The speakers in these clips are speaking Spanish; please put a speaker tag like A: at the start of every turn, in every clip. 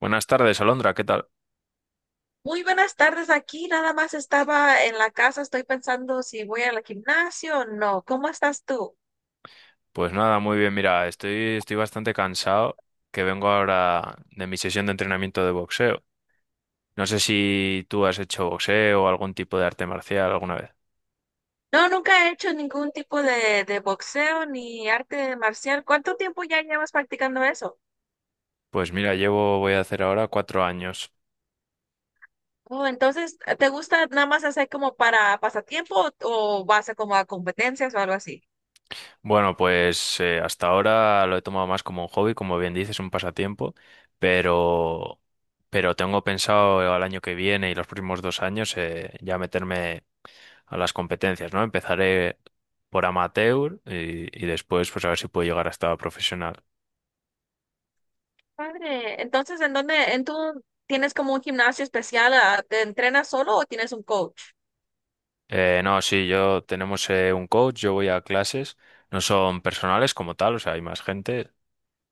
A: Buenas tardes, Alondra, ¿qué tal?
B: Muy buenas tardes aquí. Nada más estaba en la casa. Estoy pensando si voy al gimnasio o no. ¿Cómo estás tú?
A: Pues nada, muy bien, mira, estoy bastante cansado, que vengo ahora de mi sesión de entrenamiento de boxeo. No sé si tú has hecho boxeo o algún tipo de arte marcial alguna vez.
B: No, nunca he hecho ningún tipo de boxeo ni arte marcial. ¿Cuánto tiempo ya llevas practicando eso?
A: Pues mira, voy a hacer ahora cuatro años.
B: Oh, entonces, ¿te gusta nada más hacer como para pasatiempo o vas a como a competencias o algo así?
A: Bueno, pues hasta ahora lo he tomado más como un hobby, como bien dices, un pasatiempo, pero, pero tengo pensado al año que viene y los próximos dos años, ya meterme a las competencias, ¿no? Empezaré por amateur y después pues a ver si puedo llegar hasta profesional.
B: Padre, entonces, ¿ en tú tienes como un gimnasio especial? ¿Te entrenas solo o tienes un coach?
A: No, sí, yo tenemos un coach, yo voy a clases, no son personales como tal, o sea, hay más gente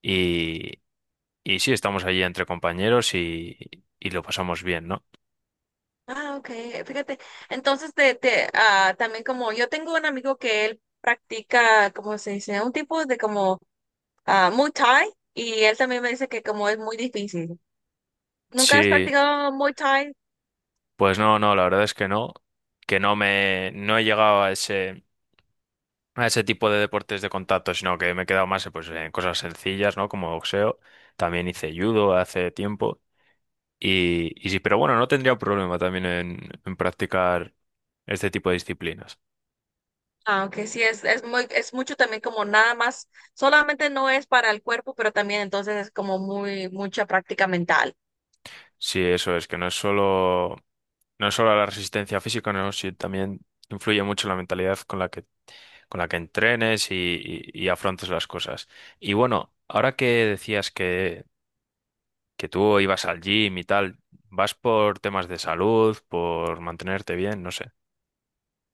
A: y, y sí, estamos allí entre compañeros y lo pasamos bien, ¿no?
B: Ah, ok, fíjate. Entonces, también como yo tengo un amigo que él practica, ¿cómo se dice? Un tipo de como Muay Thai, y él también me dice que como es muy difícil. ¿Nunca has
A: Sí,
B: practicado Muay Thai?
A: pues no, no, la verdad es que no me, no he llegado a ese tipo de deportes de contacto, sino que me he quedado más pues, en cosas sencillas, ¿no? Como boxeo, también hice judo hace tiempo. Y sí, pero bueno, no tendría problema también en practicar este tipo de disciplinas.
B: Aunque sí es es mucho también, como nada más, solamente no es para el cuerpo, pero también entonces es como muy, mucha práctica mental.
A: Sí, eso es, que no es solo, no es solo la resistencia física, no, sí, también influye mucho la mentalidad con la que entrenes y afrontes las cosas. Y bueno, ahora que decías que tú ibas al gym y tal, ¿vas por temas de salud, por mantenerte bien? No sé.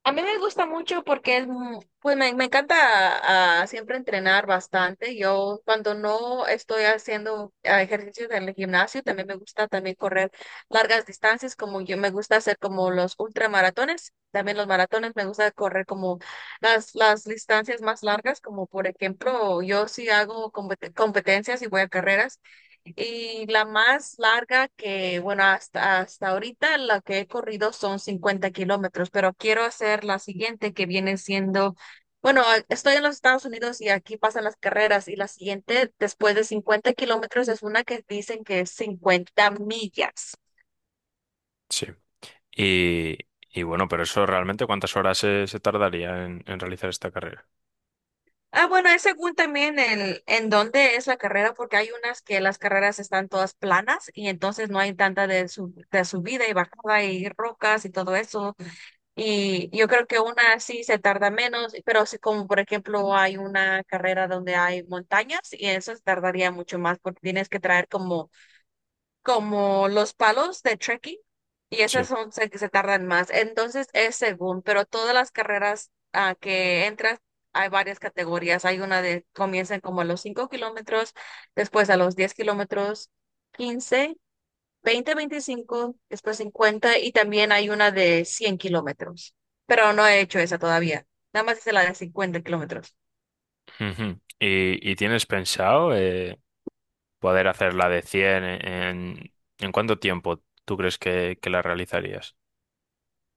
B: A mí me gusta mucho porque pues me encanta siempre entrenar bastante. Yo cuando no estoy haciendo ejercicios en el gimnasio, también me gusta también correr largas distancias. Como yo me gusta hacer como los ultramaratones, también los maratones, me gusta correr como las distancias más largas. Como por ejemplo, yo sí hago competencias y voy a carreras. Y la más larga bueno, hasta ahorita la que he corrido son 50 kilómetros, pero quiero hacer la siguiente que viene siendo, bueno, estoy en los Estados Unidos y aquí pasan las carreras, y la siguiente después de 50 kilómetros es una que dicen que es 50 millas.
A: Sí. Y, y bueno, pero eso realmente, ¿cuántas horas se tardaría en realizar esta carrera?
B: Ah, bueno, es según también en dónde es la carrera, porque hay unas que las carreras están todas planas y entonces no hay tanta de subida y bajada y rocas y todo eso. Y yo creo que una sí se tarda menos, pero si como por ejemplo hay una carrera donde hay montañas y eso, se tardaría mucho más, porque tienes que traer como, como los palos de trekking, y
A: Sí.
B: esas se tardan más. Entonces es según, pero todas las carreras a que entras hay varias categorías. Hay una de comienzan como a los 5 kilómetros, después a los 10 kilómetros, 15, 20, 25, después 50, y también hay una de 100 kilómetros. Pero no he hecho esa todavía. Nada más hice la de 50 kilómetros.
A: Ujú. ¿Y tienes pensado, poder hacer la de 100 en cuánto tiempo tú crees que la realizarías?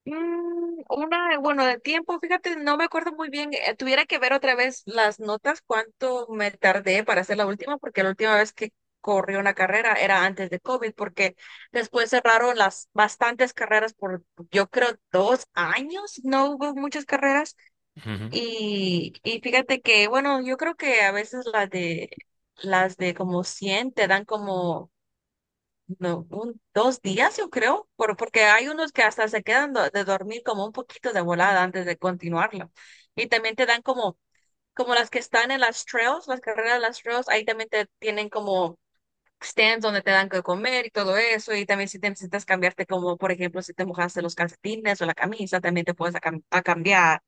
B: Una, bueno, de tiempo, fíjate, no me acuerdo muy bien. Tuviera que ver otra vez las notas, cuánto me tardé para hacer la última, porque la última vez que corrí una carrera era antes de COVID, porque después cerraron las bastantes carreras por, yo creo, 2 años, no hubo muchas carreras.
A: Ujú.
B: Y fíjate que, bueno, yo creo que a veces las de como 100 te dan como no, un, 2 días, yo creo, por, porque hay unos que hasta se quedan de dormir como un poquito de volada antes de continuarlo. Y también te dan como, las que están en las trails, las carreras de las trails, ahí también te tienen como stands donde te dan que comer y todo eso. Y también si te necesitas cambiarte, como por ejemplo, si te mojaste los calcetines o la camisa, también te puedes a cambiar.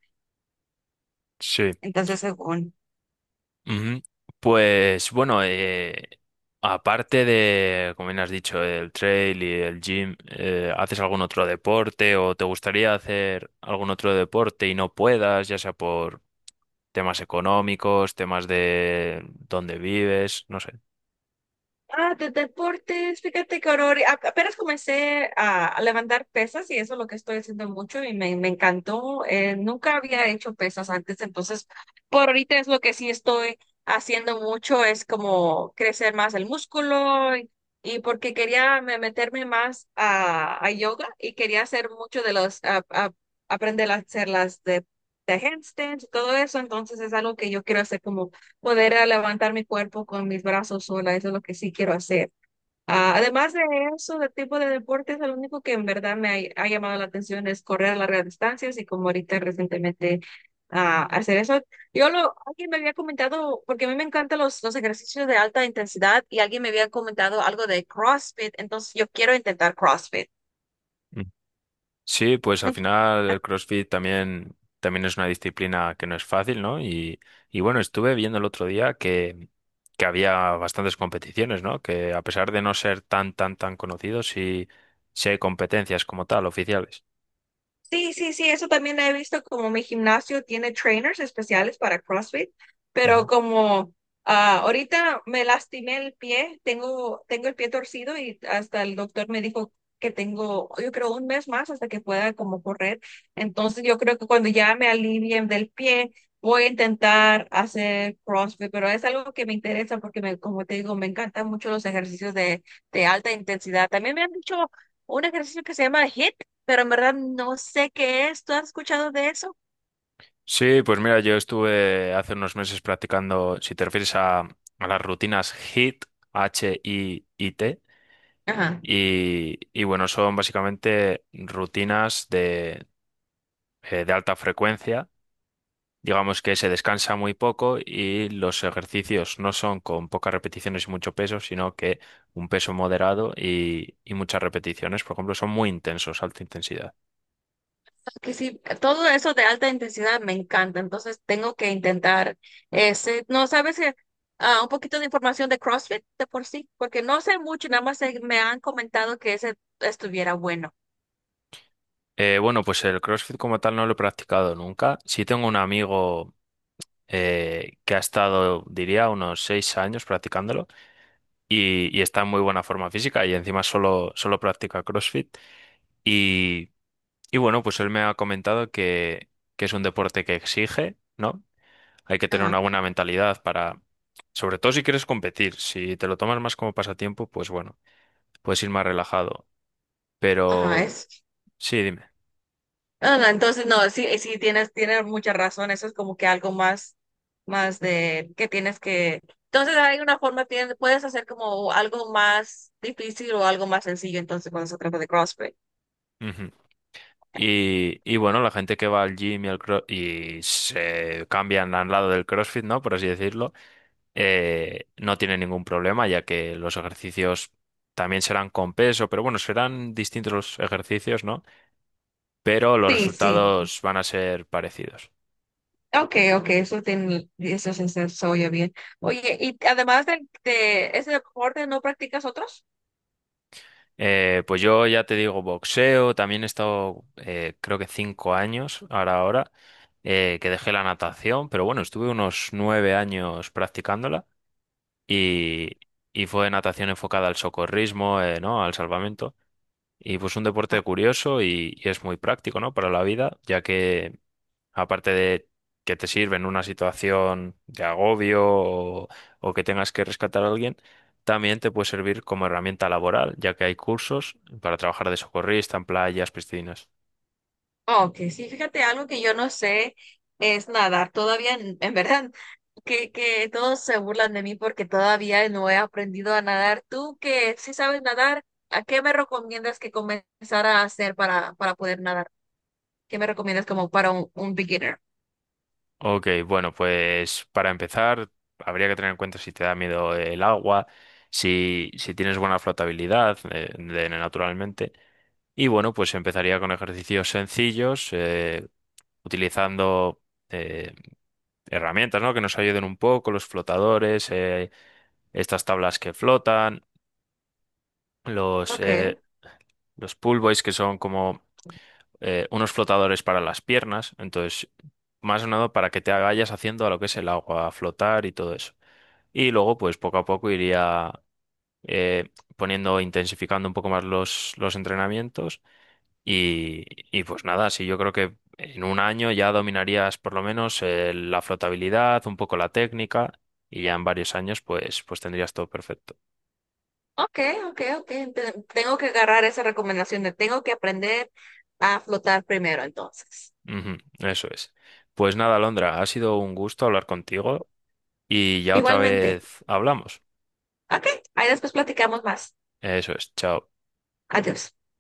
A: Sí.
B: Entonces, según.
A: Ujú. Pues bueno, aparte de, como bien has dicho, el trail y el gym, ¿haces algún otro deporte o te gustaría hacer algún otro deporte y no puedas, ya sea por temas económicos, temas de dónde vives, no sé?
B: Ah, de deportes, fíjate que apenas comencé a levantar pesas y eso es lo que estoy haciendo mucho, y me encantó. Nunca había hecho pesas antes, entonces por ahorita es lo que sí estoy haciendo mucho, es como crecer más el músculo, y porque quería meterme más a yoga, y quería hacer mucho de aprender a hacer las de handstands y todo eso. Entonces es algo que yo quiero hacer como poder a levantar mi cuerpo con mis brazos sola, eso es lo que sí quiero hacer. Ah, además de eso, de tipo de deportes, el único que en verdad me ha llamado la atención es correr largas distancias, y como ahorita recientemente hacer eso. Alguien me había comentado, porque a mí me encantan los ejercicios de alta intensidad, y alguien me había comentado algo de CrossFit, entonces yo quiero intentar CrossFit.
A: Sí, pues al final el CrossFit también, también es una disciplina que no es fácil, ¿no? Y bueno, estuve viendo el otro día que había bastantes competiciones, ¿no? Que a pesar de no ser tan, tan, tan conocidos, sí, sí hay competencias como tal, oficiales.
B: Sí, sí, sí, eso también he visto, como mi gimnasio tiene trainers especiales para CrossFit,
A: Ujú.
B: pero como ahorita me lastimé el pie, tengo el pie torcido, y hasta el doctor me dijo que tengo, yo creo, un mes más hasta que pueda como correr. Entonces yo creo que cuando ya me alivien del pie, voy a intentar hacer CrossFit, pero es algo que me interesa porque me, como te digo, me encantan mucho los ejercicios de alta intensidad. También me han dicho un ejercicio que se llama HIIT, pero en verdad no sé qué es. ¿Tú has escuchado de eso?
A: Sí, pues mira, yo estuve hace unos meses practicando, si te refieres a las rutinas HIIT, HIIT,
B: Ajá.
A: y bueno, son básicamente rutinas de alta frecuencia. Digamos que se descansa muy poco y los ejercicios no son con pocas repeticiones y mucho peso, sino que un peso moderado y muchas repeticiones, por ejemplo, son muy intensos, alta intensidad.
B: Que sí, todo eso de alta intensidad me encanta, entonces tengo que intentar ese. No sabes que, un poquito de información de CrossFit de por sí, porque no sé mucho, nada más me han comentado que ese estuviera bueno.
A: Bueno, pues el CrossFit como tal no lo he practicado nunca. Sí tengo un amigo, que ha estado, diría, unos seis años practicándolo, y está en muy buena forma física y encima solo practica CrossFit. Y, y bueno, pues él me ha comentado que es un deporte que exige, ¿no? Hay que tener
B: Ajá.
A: una buena mentalidad para, sobre todo si quieres competir, si te lo tomas más como pasatiempo, pues bueno, puedes ir más relajado.
B: Ajá,
A: Pero
B: es.
A: sí, dime.
B: No, entonces, no, sí, sí, tienes mucha razón. Eso es como que algo más, más de que tienes que. Entonces, hay una forma, puedes hacer como algo más difícil o algo más sencillo, entonces, cuando se trata de CrossFit.
A: Ujú. Y bueno, la gente que va al gym y, y se cambian al lado del CrossFit, ¿no? Por así decirlo, no tiene ningún problema, ya que los ejercicios también serán con peso, pero bueno, serán distintos los ejercicios, ¿no? Pero los
B: Sí, sí.
A: resultados van a ser parecidos.
B: Okay, okay, eso, tiene, eso se, se- se oye bien. Oye, y además de ese deporte, ¿no practicas otros?
A: Pues yo ya te digo, boxeo, también he estado, creo que cinco años, ahora ahora, que dejé la natación, pero bueno, estuve unos nueve años practicándola, y, y fue natación enfocada al socorrismo, ¿no? Al salvamento. Y pues un deporte curioso y es muy práctico, ¿no? Para la vida, ya que, aparte de que te sirve en una situación de agobio, o que tengas que rescatar a alguien, también te puede servir como herramienta laboral, ya que hay cursos para trabajar de socorrista en playas, piscinas.
B: Ok, sí, fíjate, algo que yo no sé es nadar. Todavía, en verdad, que todos se burlan de mí porque todavía no he aprendido a nadar. Tú que sí sabes nadar, ¿a qué me recomiendas que comenzara a hacer para, poder nadar? ¿Qué me recomiendas como para un beginner?
A: Ok, bueno, pues para empezar, habría que tener en cuenta si te da miedo el agua, si tienes buena flotabilidad, naturalmente. Y bueno, pues empezaría con ejercicios sencillos, utilizando eh, herramientas, ¿no? Que nos ayuden un poco, los flotadores, estas tablas que flotan, los,
B: Ok,
A: eh, los pull buoys que son como, unos flotadores para las piernas, entonces más o menos para que te vayas haciendo a lo que es el agua, a flotar y todo eso. Y luego pues poco a poco iría, eh, poniendo, intensificando un poco más los entrenamientos. Y, y pues nada, sí, yo creo que en un año ya dominarías por lo menos, la flotabilidad, un poco la técnica, y ya en varios años pues, pues tendrías todo perfecto.
B: ok, ok, ok. Tengo que agarrar esa recomendación de tengo que aprender a flotar primero, entonces.
A: Ujú, eso es. Pues nada, Alondra, ha sido un gusto hablar contigo y ya otra
B: Igualmente.
A: vez hablamos.
B: Ok, ahí después platicamos más.
A: Eso es, chao.
B: Adiós.